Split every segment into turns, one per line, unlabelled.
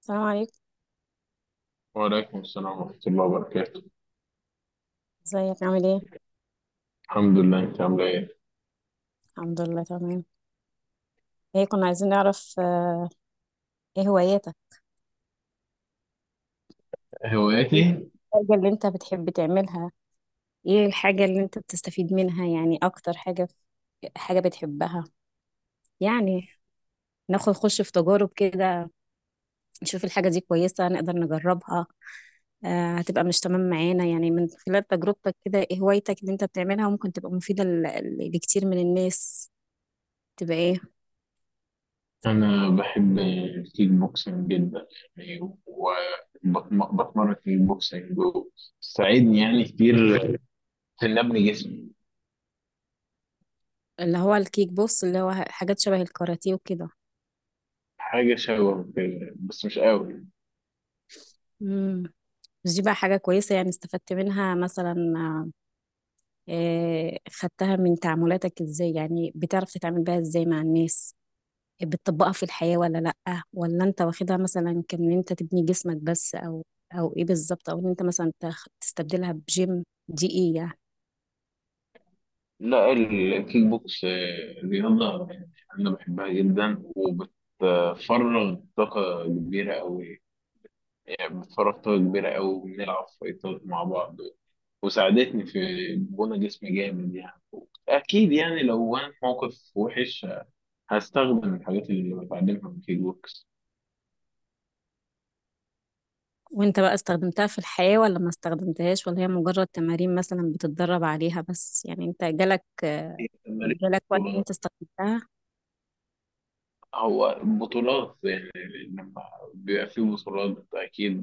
السلام عليكم.
وعليكم السلام ورحمة الله وبركاته.
ازيك؟ عامل ايه؟
الحمد لله، أنت عاملة إيه؟
الحمد لله، تمام. كنا عايزين نعرف، ايه هواياتك؟ ايه
هواياتي.
الحاجة اللي انت بتحب تعملها؟ ايه الحاجة اللي انت بتستفيد منها يعني، اكتر حاجة حاجة بتحبها؟ يعني ناخد خش في تجارب كده، نشوف الحاجة دي كويسة نقدر نجربها. آه، هتبقى مش تمام معانا يعني. من خلال تجربتك كده، ايه هوايتك اللي انت بتعملها ممكن تبقى مفيدة لكتير من الناس، تبقى ايه؟
أنا بحب الكيك بوكسنج جدا يعني، وبتمرن كيك بوكسنج وبتساعدني يعني كتير في إني أبني جسمي.
اللي هو الكيك بوكس اللي هو حاجات شبه الكاراتيه وكده.
حاجة شبه كده بس مش قوي.
مم. بس دي بقى حاجة كويسة، يعني استفدت منها مثلا؟ آه، خدتها من تعاملاتك ازاي، يعني بتعرف تتعامل بيها ازاي مع الناس؟ بتطبقها في الحياة ولا لأ؟ ولا انت واخدها مثلا كان انت تبني جسمك بس، او ايه بالظبط؟ او ان انت مثلا تستبدلها بجيم، دي ايه يعني؟
لا، الكيك بوكس رياضة أنا بحبها جدا وبتفرغ طاقة كبيرة أوي. يعني بتفرغ طاقة كبيرة أوي، بنلعب فايتات مع بعض وساعدتني في بنى جسمي جامد يعني. اكيد يعني لو انا في موقف وحش هستخدم الحاجات اللي بتعلمها من كيك بوكس.
وانت بقى استخدمتها في الحياة ولا ما استخدمتهاش؟ ولا هي مجرد تمارين مثلا بتتدرب عليها بس؟ يعني انت جالك
هي تمارين.
جالك وقت ان
بطولات،
انت استخدمتها؟
هو بطولات يعني. لما بيبقى في بطولات اكيد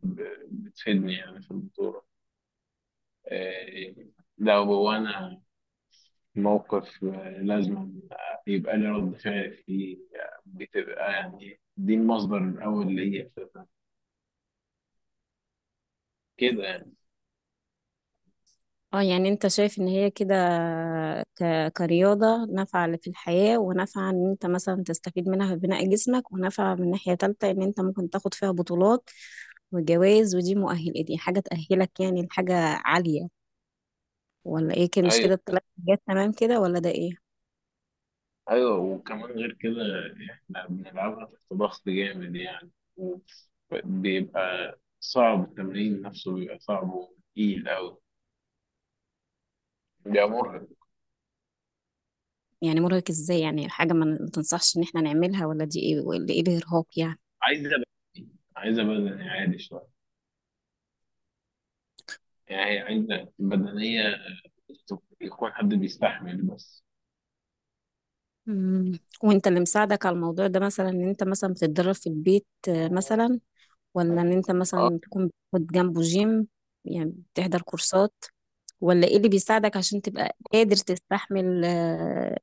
بتفيدني يعني في البطولة. آه، لو انا في موقف لازم يبقى لي رد فعل فيه. بتبقى يعني دي المصدر الاول ليا أساساً. كده يعني.
اه، يعني انت شايف ان هي كده، ك... كرياضة نافعة في الحياة، ونافعة ان انت مثلا تستفيد منها في بناء جسمك، ونافعة من ناحية تالتة ان انت ممكن تاخد فيها بطولات وجوائز، ودي مؤهل، دي حاجة تأهلك يعني لحاجة عالية، ولا ايه؟ كده مش كده؟
ايوه،
التلات حاجات تمام كده ولا ده ايه؟
ايوه وكمان غير كده احنا بنلعبها تحت ضغط جامد يعني. بيبقى صعب، التمرين نفسه بيبقى صعب وتقيل أوي. بيبقى مرهق.
يعني مرهق ازاي؟ يعني حاجة ما تنصحش ان احنا نعملها، ولا دي ايه ولا ايه الارهاق يعني؟
عايزة بدني عايزة بدني عالي شوية، يعني هي عايزة بدنية يكون حد بيستحمل بس.
مم. وانت اللي مساعدك على الموضوع ده مثلا، ان انت مثلا بتتدرب في البيت، مثلا؟ ولا ان انت
اه،
مثلا تكون بتاخد جنبه جيم، يعني بتحضر كورسات؟ ولا ايه اللي بيساعدك عشان تبقى قادر تستحمل،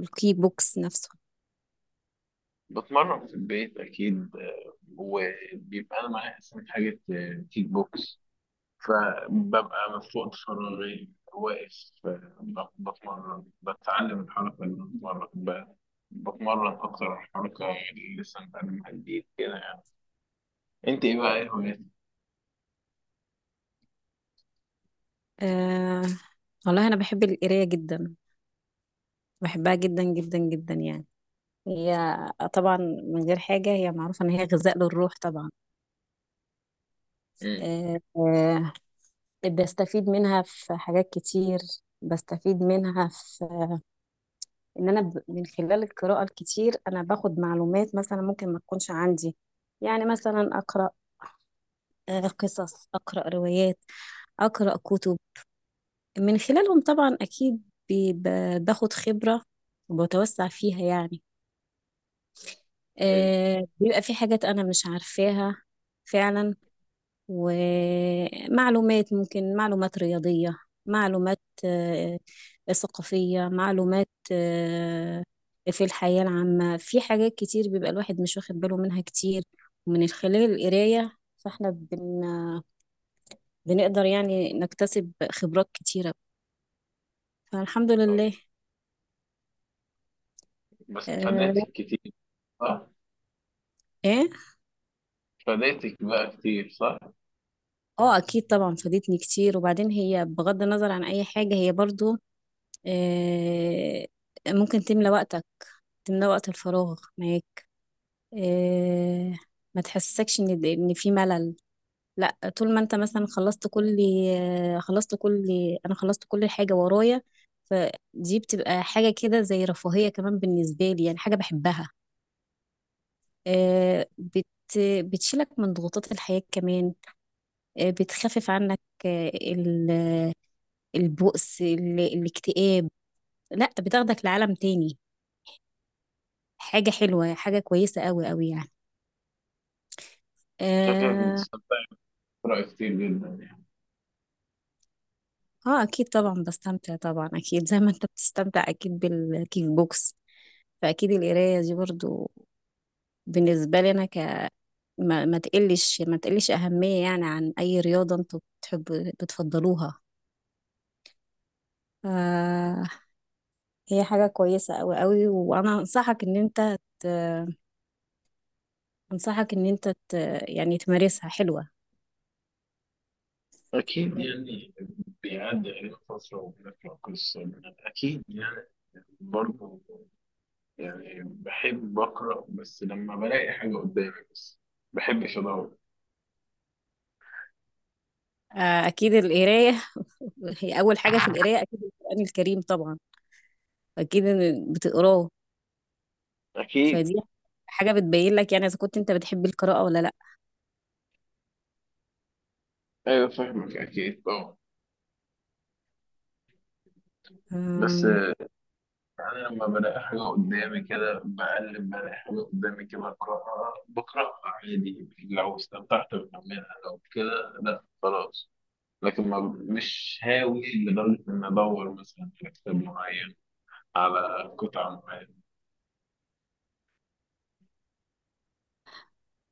الكيك بوكس نفسه؟
بتمرن في البيت أكيد وبيبقى أنا معايا أصلا حاجة كيك بوكس، فببقى مفقود فراغي واقف بتمرن، بتعلم الحركة اللي بتمرن بتمرن أكتر، الحركة اللي لسه متعلمها جديد كده يعني. أنت إيه بقى، إيه هواياتك؟
أه والله انا بحب القرايه جدا، بحبها جدا جدا جدا يعني. هي طبعا من غير حاجه هي معروفه ان هي غذاء للروح طبعا.
أمم،
أه آه، بستفيد منها في حاجات كتير. بستفيد منها في ان انا، من خلال القراءة الكتير انا باخد معلومات مثلا ممكن ما تكونش عندي. يعني مثلا اقرأ، قصص، اقرأ روايات، اقرأ كتب. من خلالهم طبعا اكيد باخد خبرة وبتوسع فيها يعني.
أيوه.
آه، بيبقى في حاجات انا مش عارفاها فعلا. ومعلومات، ممكن معلومات رياضية، معلومات ثقافية، معلومات في الحياة العامة، في حاجات كتير بيبقى الواحد مش واخد باله منها كتير. ومن خلال القراية فاحنا بنقدر يعني نكتسب خبرات كتيرة، فالحمد لله.
أيوه بس
آه.
فادتك كتير، صح؟
ايه.
فادتك بقى كتير، صح؟
اه اكيد طبعا فادتني كتير. وبعدين هي بغض النظر عن اي حاجة، هي برضو آه، ممكن تملى وقتك، تملى وقت الفراغ. ما هي آه، ما تحسسكش ان في ملل. لا، طول ما انت مثلا خلصت كل آه، خلصت كل انا خلصت كل حاجه ورايا، فدي بتبقى حاجه كده زي رفاهيه كمان بالنسبه لي، يعني حاجه بحبها. آه، بت بتشيلك من ضغوطات الحياه كمان. آه، بتخفف عنك آه، ال- البؤس، الاكتئاب. لا، بتاخدك لعالم تاني. حاجه حلوه، حاجه كويسه قوي قوي يعني.
شكلك
آه.
بتستمتعي بقراءة كتير جدا يعني.
اه اكيد طبعا بستمتع طبعا، اكيد زي ما انت بتستمتع اكيد بالكيك بوكس، فاكيد القرايه دي برضو بالنسبه لي انا. ك ما, ما تقلش اهميه يعني عن اي رياضه انتوا بتحبوا بتفضلوها. آه، هي حاجه كويسه قوي قوي، وانا انصحك ان انت يعني تمارسها. حلوه.
أكيد يعني، بيعدي علينا فترة وبنقرأ قصة. أكيد يعني، برضه يعني بحب أقرأ بس لما بلاقي حاجة قدامي بس، ما بحبش أدور.
آه اكيد القرايه، هي اول حاجه في القرايه اكيد القران الكريم طبعا، اكيد إن بتقراه.
اكيد.
فدي حاجة بتبين لك يعني إذا كنت أنت بتحب القراءة ولا لأ.
أيوة، فاهمك أكيد طبعا. بس
أم،
أنا لما بلاقي حاجة قدامي كده بقلب بلاقي حاجة قدامي كده أقرأها، بقرأها عادي، لو استمتعت بكملها لو كده، لأ خلاص. لكن ما مش هاوي لدرجة إن أدور مثلا على كتاب معين، على قطعة معينة.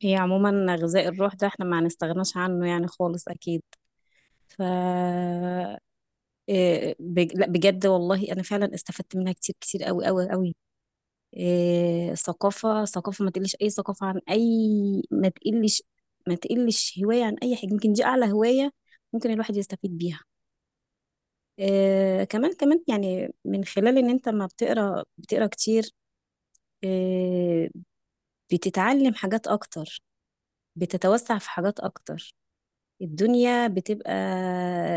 هي عموما غذاء الروح ده احنا ما هنستغناش عنه يعني خالص أكيد. ف لأ، بجد والله أنا فعلا استفدت منها كتير كتير أوي أوي أوي. ثقافة ثقافة، ما تقلش أي ثقافة عن أي، ما تقلش ما تقلش هواية عن أي حاجة، يمكن دي أعلى هواية ممكن الواحد يستفيد بيها. كمان كمان يعني، من خلال إن أنت ما بتقرأ بتقرأ كتير، آه، بتتعلم حاجات أكتر، بتتوسع في حاجات أكتر. الدنيا بتبقى،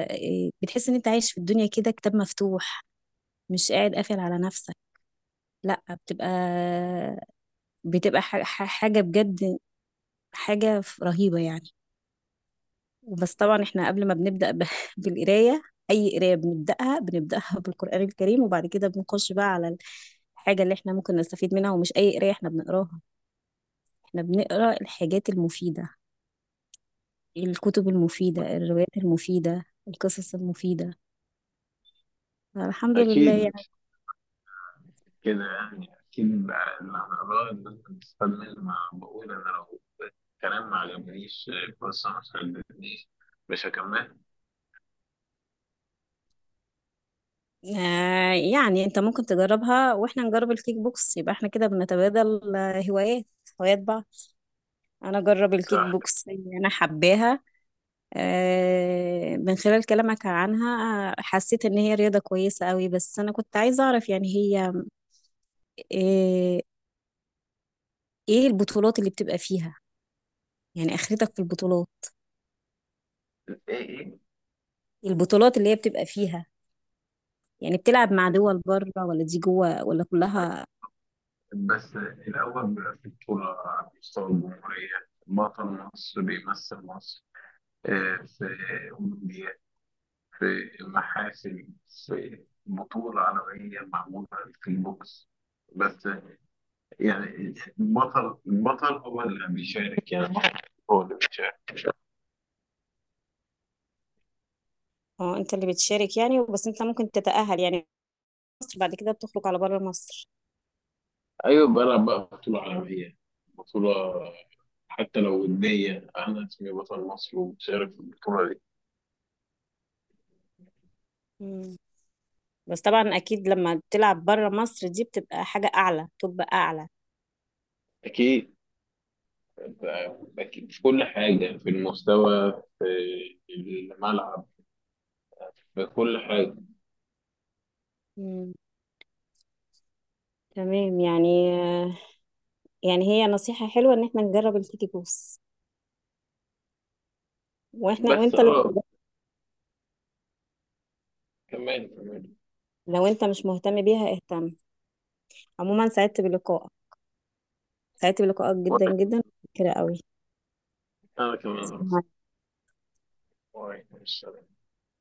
بتحس إن أنت عايش في الدنيا كده كتاب مفتوح، مش قاعد قافل على نفسك. لأ، بتبقى حاجة بجد، حاجة رهيبة يعني. بس طبعا احنا قبل ما بنبدأ، بالقراية، أي قراية بنبدأها بالقرآن الكريم، وبعد كده بنخش بقى على الحاجة اللي احنا ممكن نستفيد منها. ومش أي قراية احنا بنقراها، احنا بنقرا الحاجات المفيدة، الكتب المفيدة، الروايات المفيدة، القصص المفيدة، الحمد لله
أكيد
يعني.
كده يعني، أكيد بقى اللي هنقراه الناس بتستفاد منه. ما بقول أنا لو الكلام ما عجبنيش، القصة ما شدتنيش، مش هكمل.
يعني انت ممكن تجربها واحنا نجرب الكيك بوكس، يبقى احنا كده بنتبادل، هوايات بعض. انا اجرب الكيك
صح.
بوكس اللي انا حباها. من خلال كلامك عنها حسيت ان هي رياضة كويسة قوي. بس انا كنت عايزة اعرف يعني، هي آه ايه البطولات اللي بتبقى فيها، يعني اخرتك في البطولات؟
إيه، إيه.
البطولات اللي هي بتبقى فيها يعني، بتلعب مع دول بره ولا دي جوه ولا كلها؟
بس الأول بيبقى في بطولة على مستوى الجمهورية، بطل مصر بيمثل مصر في أولمبياد، في محاسن، في بطولة عالمية معمولة في البوكس بس. يعني البطل هو اللي بيشارك، يعني البطل هو اللي بيشارك.
اه، انت اللي بتشارك يعني، بس انت ممكن تتأهل يعني مصر بعد كده بتخرج على بره مصر؟
ايوه، بلعب بقى بطولة عالمية، بطولة، حتى لو ودية انا اسمي بطل مصر ومشارك في البطولة دي.
مم. بس طبعا اكيد لما بتلعب بره مصر، دي بتبقى حاجة اعلى، تبقى اعلى.
اكيد، اكيد في كل حاجة، في المستوى، في الملعب، في كل حاجة.
مم. تمام يعني. يعني هي نصيحة حلوة ان احنا نجرب الكيكي بوس، واحنا
بس
وانت لازم
اه،
تجرب.
كمان كمان.
لو انت مش مهتم بيها اهتم. عموما سعدت بلقائك، سعدت بلقائك جدا
وأنا-
جدا كده
انا كمان أصلاً.
قوي.
وعليكم السلام.